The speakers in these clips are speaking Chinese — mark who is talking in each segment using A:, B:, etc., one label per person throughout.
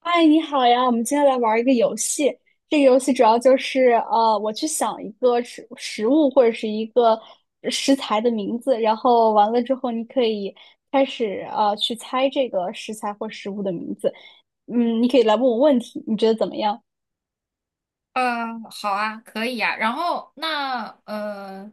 A: 嗨，你好呀！我们今天来玩一个游戏。这个游戏主要就是，我去想一个食物或者是一个食材的名字，然后完了之后，你可以开始去猜这个食材或食物的名字。嗯，你可以来问我问题，你觉得怎么样？
B: 好啊，可以呀、然后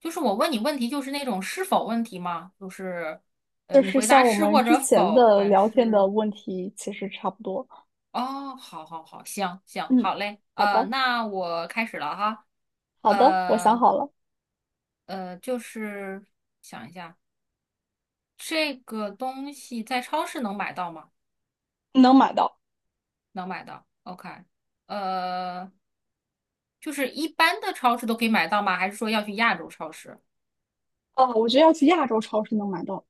B: 就是我问你问题，就是那种是否问题吗？就是,
A: 就
B: 你
A: 是
B: 回答
A: 像我
B: 是
A: 们
B: 或
A: 之
B: 者
A: 前
B: 否，
A: 的
B: 还
A: 聊天的
B: 是
A: 问题，其实差不多。
B: 哦，好好好，行行，
A: 嗯，
B: 好嘞。
A: 好的，
B: 那我开始了哈。
A: 好的，我想
B: 呃
A: 好了，
B: 就是想一下，这个东西在超市能买到吗？
A: 能买到。
B: 能买到。OK。呃，就是一般的超市都可以买到吗？还是说要去亚洲超市？
A: 我觉得要去亚洲超市能买到。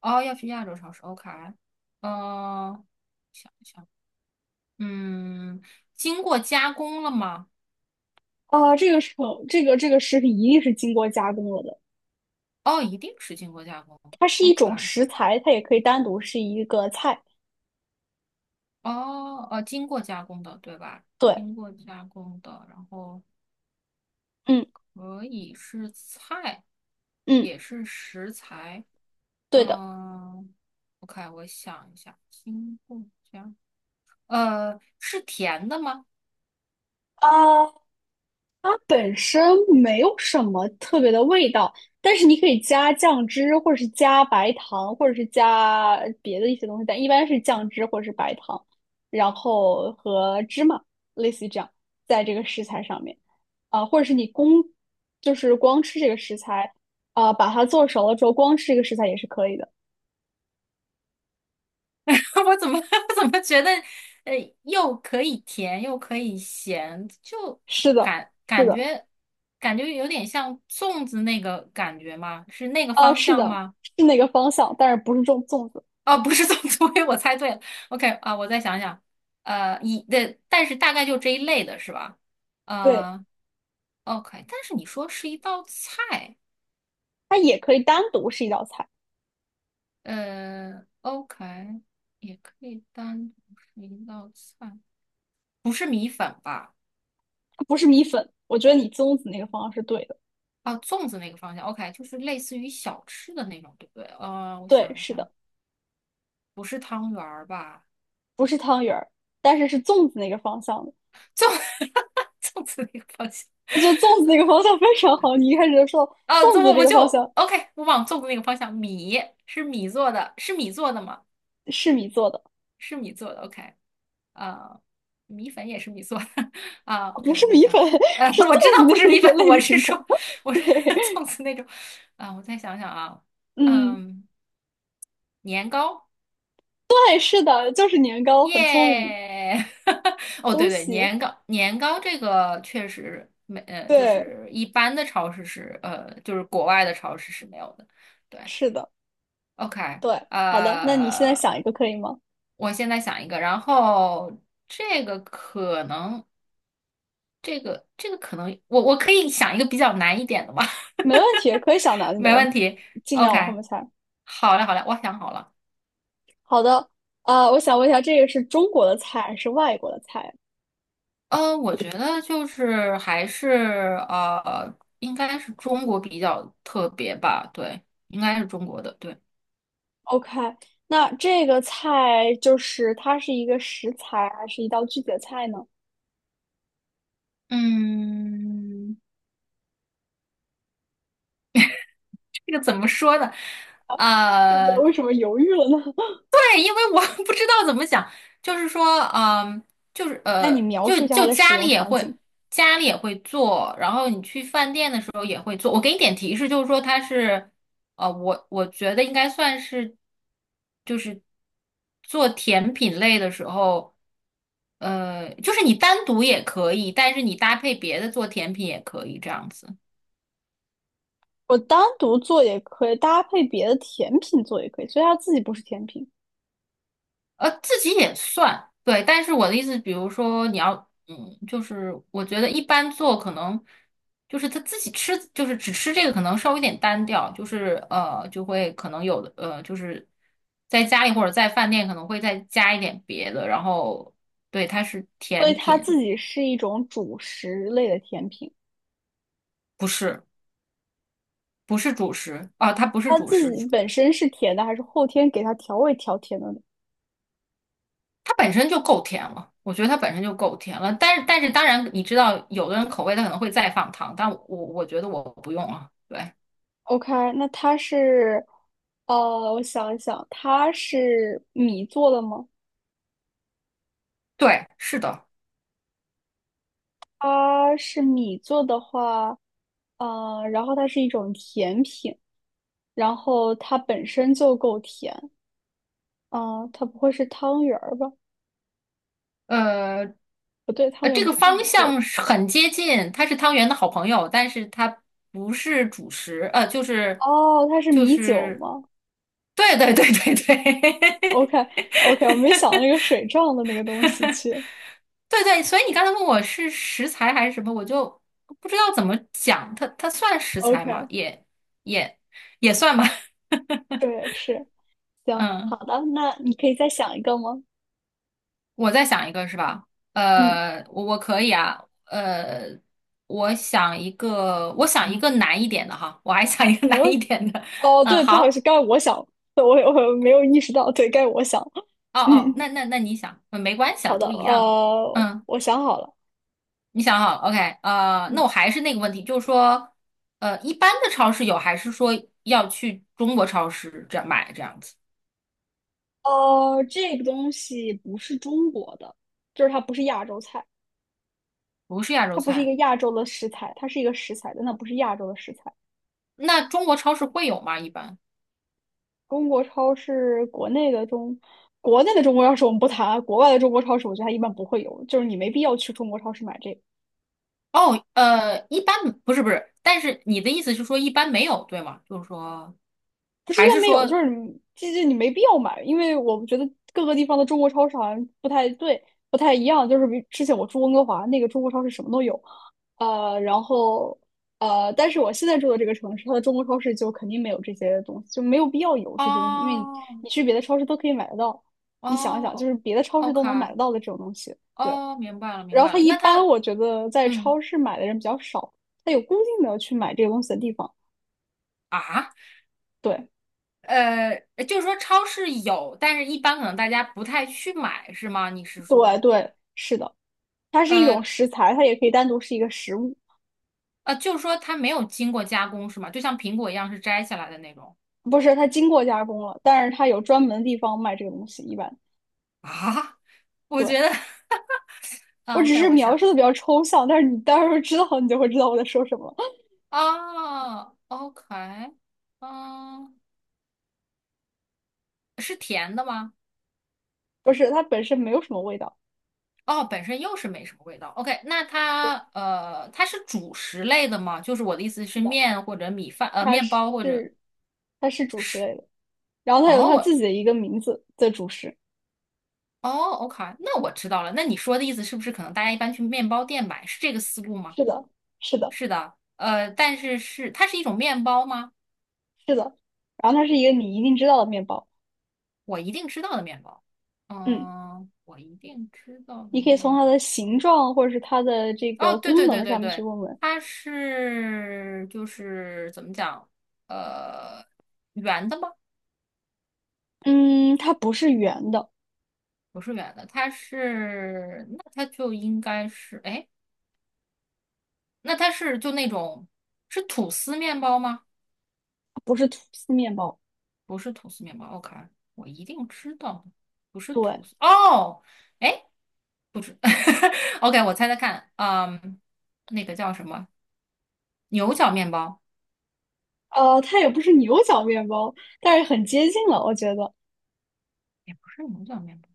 B: 哦，要去亚洲超市，OK，呃，想一想，嗯，经过加工了吗？
A: 啊，这个这个食品一定是经过加工了的，
B: 哦，一定是经过加工。
A: 它是
B: o
A: 一种
B: k
A: 食材，它也可以单独是一个菜。
B: 哦，经过加工的，对吧？
A: 对，
B: 经过加工的，然后
A: 嗯
B: 可以是菜，
A: 嗯，
B: 也是食材，
A: 对的。
B: 嗯，OK，我想一下，经过加，是甜的吗？
A: 啊。它本身没有什么特别的味道，但是你可以加酱汁，或者是加白糖，或者是加别的一些东西，但一般是酱汁或者是白糖，然后和芝麻，类似于这样，在这个食材上面，或者是就是光吃这个食材，把它做熟了之后光吃这个食材也是可以的。
B: 我怎么 怎么觉得，呃，又可以甜又可以咸，就
A: 是的，
B: 感
A: 是
B: 感
A: 的，
B: 觉感觉有点像粽子那个感觉吗？是那个
A: 呃，
B: 方
A: 是
B: 向
A: 的，
B: 吗？
A: 是那个方向，但是不是种粽子，
B: 哦，不是粽子，所以我猜对了。OK 啊，我再想想，一对，但是大概就这一类的是吧？
A: 对，
B: 呃，OK，但是你说是一道菜，
A: 它也可以单独是一道菜。
B: OK，也可以单独是一道菜，不是米粉吧？
A: 不是米粉，我觉得你粽子那个方向是对的。
B: 啊，粽子那个方向，OK，就是类似于小吃的那种，对不对？我
A: 对，
B: 想一
A: 是
B: 下，
A: 的，
B: 不是汤圆儿吧？
A: 不是汤圆儿，但是是粽子那个方向的。
B: 粽 粽子那个方向
A: 我觉得粽子那个方向非常好。你一开始就说
B: 啊，这
A: 粽子
B: 我
A: 这
B: 我
A: 个
B: 就
A: 方向
B: OK，我往粽子那个方向，米是米做的，是米做的吗？
A: 是米做的，
B: 是米做的，OK，啊，米粉也是米做的 啊
A: 不
B: ，OK，我
A: 是
B: 在
A: 米
B: 想，
A: 粉，是
B: 我知
A: 粽
B: 道不
A: 子
B: 是
A: 那
B: 米
A: 个
B: 粉，
A: 类
B: 我是
A: 型的。
B: 说 我
A: 对，
B: 是 粽子那种啊，我再想想啊，
A: 嗯，
B: 嗯，年糕。
A: 对，是的，就是年糕，很聪明，
B: 耶！哦，对
A: 恭
B: 对，
A: 喜。
B: 年糕年糕这个确实没，就
A: 对，
B: 是一般的超市是，就是国外的超市是没有的。对
A: 是的，
B: ，OK，
A: 对，好的，那你现在
B: 呃，
A: 想一个可以吗？
B: 我现在想一个，然后这个可能，这个可能，我可以想一个比较难一点的吧，
A: 没问题，可以想 难的，
B: 没
A: 我们
B: 问题。
A: 尽量
B: OK，
A: 往后面猜。
B: 好嘞好嘞，我想好了。
A: 好的，我想问一下，这个是中国的菜还是外国的菜
B: 我觉得就是还是呃，应该是中国比较特别吧，对，应该是中国的，对，
A: ？OK，那这个菜就是它是一个食材还是一道具体的菜呢？
B: 嗯，这个怎么说呢？
A: 这个
B: 呃，
A: 为什么犹豫了呢？
B: 对，因为我 不知道怎么讲，就是说，嗯、就是
A: 那
B: 呃，
A: 你描
B: 就
A: 述一下它
B: 就
A: 的使
B: 家里
A: 用
B: 也
A: 场
B: 会，
A: 景。
B: 家里也会做，然后你去饭店的时候也会做。我给你点提示，就是说它是，我觉得应该算是。就是做甜品类的时候，就是你单独也可以，但是你搭配别的做甜品也可以这样子，
A: 我单独做也可以，搭配别的甜品做也可以，所以它自己不是甜品，
B: 自己也算，对。但是我的意思，比如说你要，嗯，就是我觉得一般做可能就是他自己吃，就是只吃这个可能稍微有点单调，就是,就会可能有的就是在家里或者在饭店可能会再加一点别的，然后对，它是
A: 所以
B: 甜
A: 它
B: 品，
A: 自己是一种主食类的甜品。
B: 不是。不是主食啊，它不是
A: 它
B: 主
A: 自
B: 食，
A: 己本身是甜的，还是后天给它调味调甜的呢？
B: 它本身就够甜了。我觉得它本身就够甜了，但是当然，你知道有的人口味他可能会再放糖，但我觉得我不用啊。对
A: OK，那它是，我想一想，它是米做的吗？
B: 对，是的，
A: 它是米做的话，然后它是一种甜品，然后它本身就够甜，啊，它不会是汤圆儿吧？
B: 呃
A: 不对，汤
B: 这
A: 圆
B: 个
A: 不是
B: 方
A: 米做的。
B: 向是很接近，它是汤圆的好朋友，但是它不是主食，就是
A: 哦，它是
B: 就
A: 米酒
B: 是，
A: 吗
B: 对对对对对，
A: ？OK，OK，我没想到那个水状的那个东西去。
B: 对对，所以你刚才问我是食材还是什么，我就不知道怎么讲，它算食材吗？
A: OK，
B: 也也也算吧。
A: 对，是，行，好
B: 嗯，
A: 的，那你可以再想一个吗？
B: 我再想一个是吧？
A: 嗯，
B: 我可以啊，我想一个，我想一个难一点的哈，我还想一个
A: 没
B: 难
A: 问
B: 一
A: 题。
B: 点的。
A: 哦，
B: 嗯，
A: 对，不好意思，
B: 好，
A: 该我想，对我没有意识到，对，该我想。
B: 哦哦，那
A: 嗯，
B: 那你想，嗯没关系啊，
A: 好的，
B: 都一样。嗯。
A: 我想好了，
B: 你想好。 o k 那
A: 嗯，
B: 我还是那个问题，就是说，一般的超市有，还是说要去中国超市这样买这样子？
A: 这个东西不是中国的，就是它不是亚洲菜，
B: 不是亚洲
A: 它不是一
B: 菜，
A: 个亚洲的食材，它是一个食材，但它不是亚洲的食材。
B: 那中国超市会有吗？一般？
A: 中国超市国内的中，国内的中国超市我们不谈啊，国外的中国超市我觉得它一般不会有，就是你没必要去中国超市买这个。
B: 哦，一般不是，但是你的意思是说一般没有，对吗？就是说，
A: 不是一
B: 还
A: 般
B: 是
A: 没有，就
B: 说，
A: 是你你没必要买，因为我觉得各个地方的中国超市好像不太对，不太一样。就是比之前我住温哥华那个中国超市什么都有，呃，然后但是我现在住的这个城市，它的中国超市就肯定没有这些东西，就没有必要有这些东西，因为你
B: 哦
A: 你去别的超市都可以买得到。你想一想，就
B: 哦
A: 是别的超市都能买
B: ，OK，
A: 得到的这种东西，对。
B: 哦，明白了明
A: 然后
B: 白
A: 它
B: 了，
A: 一
B: 那
A: 般
B: 他，
A: 我觉得在
B: 嗯
A: 超市买的人比较少，它有固定的去买这个东西的地方，
B: 啊。
A: 对
B: 呃，就是说超市有，但是一般可能大家不太去买，是吗？你是
A: 对
B: 说，
A: 对，是的。它是一
B: 呃，
A: 种食材，它也可以单独是一个食物，
B: 啊，就是说它没有经过加工是吗？就像苹果一样是摘下来的那种
A: 不是，它经过加工了，但是它有专门的地方卖这个东西。一般
B: 啊？我觉
A: 对
B: 得
A: 我
B: 啊
A: 只
B: ，OK，
A: 是
B: 我
A: 描
B: 想
A: 述的比较抽象，但是你到时候知道你就会知道我在说什么了。
B: 啊，OK，嗯、是甜的吗？
A: 不是，它本身没有什么味道，
B: 哦，本身又是没什么味道。OK，那它它是主食类的吗？就是我的意思是
A: 是的，
B: 面或者米饭，
A: 它
B: 面包或者
A: 是它是主食
B: 是
A: 类的，然后它有
B: 哦，
A: 它
B: 我
A: 自己的一个名字的主食，
B: 哦，OK，那我知道了。那你说的意思是不是可能大家一般去面包店买，是这个思路吗？
A: 是的，是的，
B: 是的，但是是它是一种面包吗？
A: 是的，然后它是一个你一定知道的面包，
B: 我一定知道的面包，
A: 嗯，
B: 嗯，我一定知道的
A: 你可以从
B: 面
A: 它的形
B: 包。
A: 状或者是它的这
B: 哦，
A: 个
B: 对
A: 功
B: 对对
A: 能上
B: 对
A: 面去
B: 对，
A: 问问，
B: 它是就是怎么讲？呃，圆的吗？
A: 嗯，它不是圆的。
B: 不是圆的，它是那它就应该是哎，那它是就那种是吐司面包吗？
A: 不是吐司面包，
B: 不是吐司面包，OK，我一定知道的，不是吐
A: 对，
B: 司哦，哎，不知 ，OK，我猜猜看，嗯，那个叫什么？牛角面包
A: 它也不是牛角面包，但是很接近了，我觉得
B: 也不是牛角面包，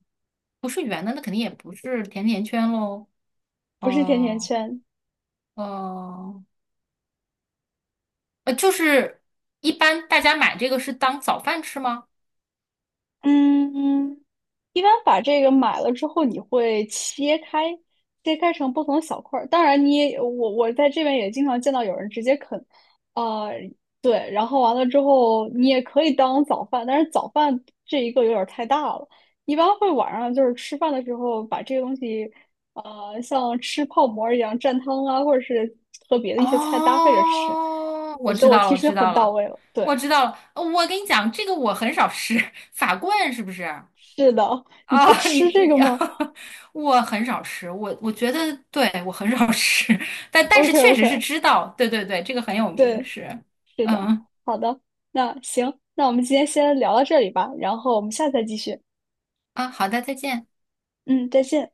B: 不是圆的，那肯定也不是甜甜圈喽。
A: 不是甜甜
B: 哦、
A: 圈，
B: 呃哦、就是一般大家买这个是当早饭吃吗？
A: 嗯，一般把这个买了之后，你会切开，切开成不同的小块儿。当然你也，我在这边也经常见到有人直接啃，呃，对，然后完了之后，你也可以当早饭，但是早饭这一个有点儿太大了。一般会晚上就是吃饭的时候把这个东西，像吃泡馍儿一样蘸汤啊，或者是和别的一些菜搭配着吃。
B: 哦，
A: 我
B: 我
A: 觉得
B: 知
A: 我
B: 道了，
A: 提
B: 我
A: 示
B: 知
A: 的
B: 道
A: 很到
B: 了，
A: 位了。对，
B: 我知道了。我跟你讲，这个我很少吃，法棍是不是？
A: 是的，你不
B: 啊、你
A: 吃这个
B: 你，
A: 吗
B: 我很少吃，我觉得对我很少吃，但但是
A: ？OK
B: 确实是
A: OK，
B: 知道，对对对，这个很有名，
A: 对，
B: 是，
A: 是的，
B: 嗯
A: 好的，那行，那我们今天先聊到这里吧，然后我们下次再继续。
B: 啊，好的，再见。
A: 嗯，再见。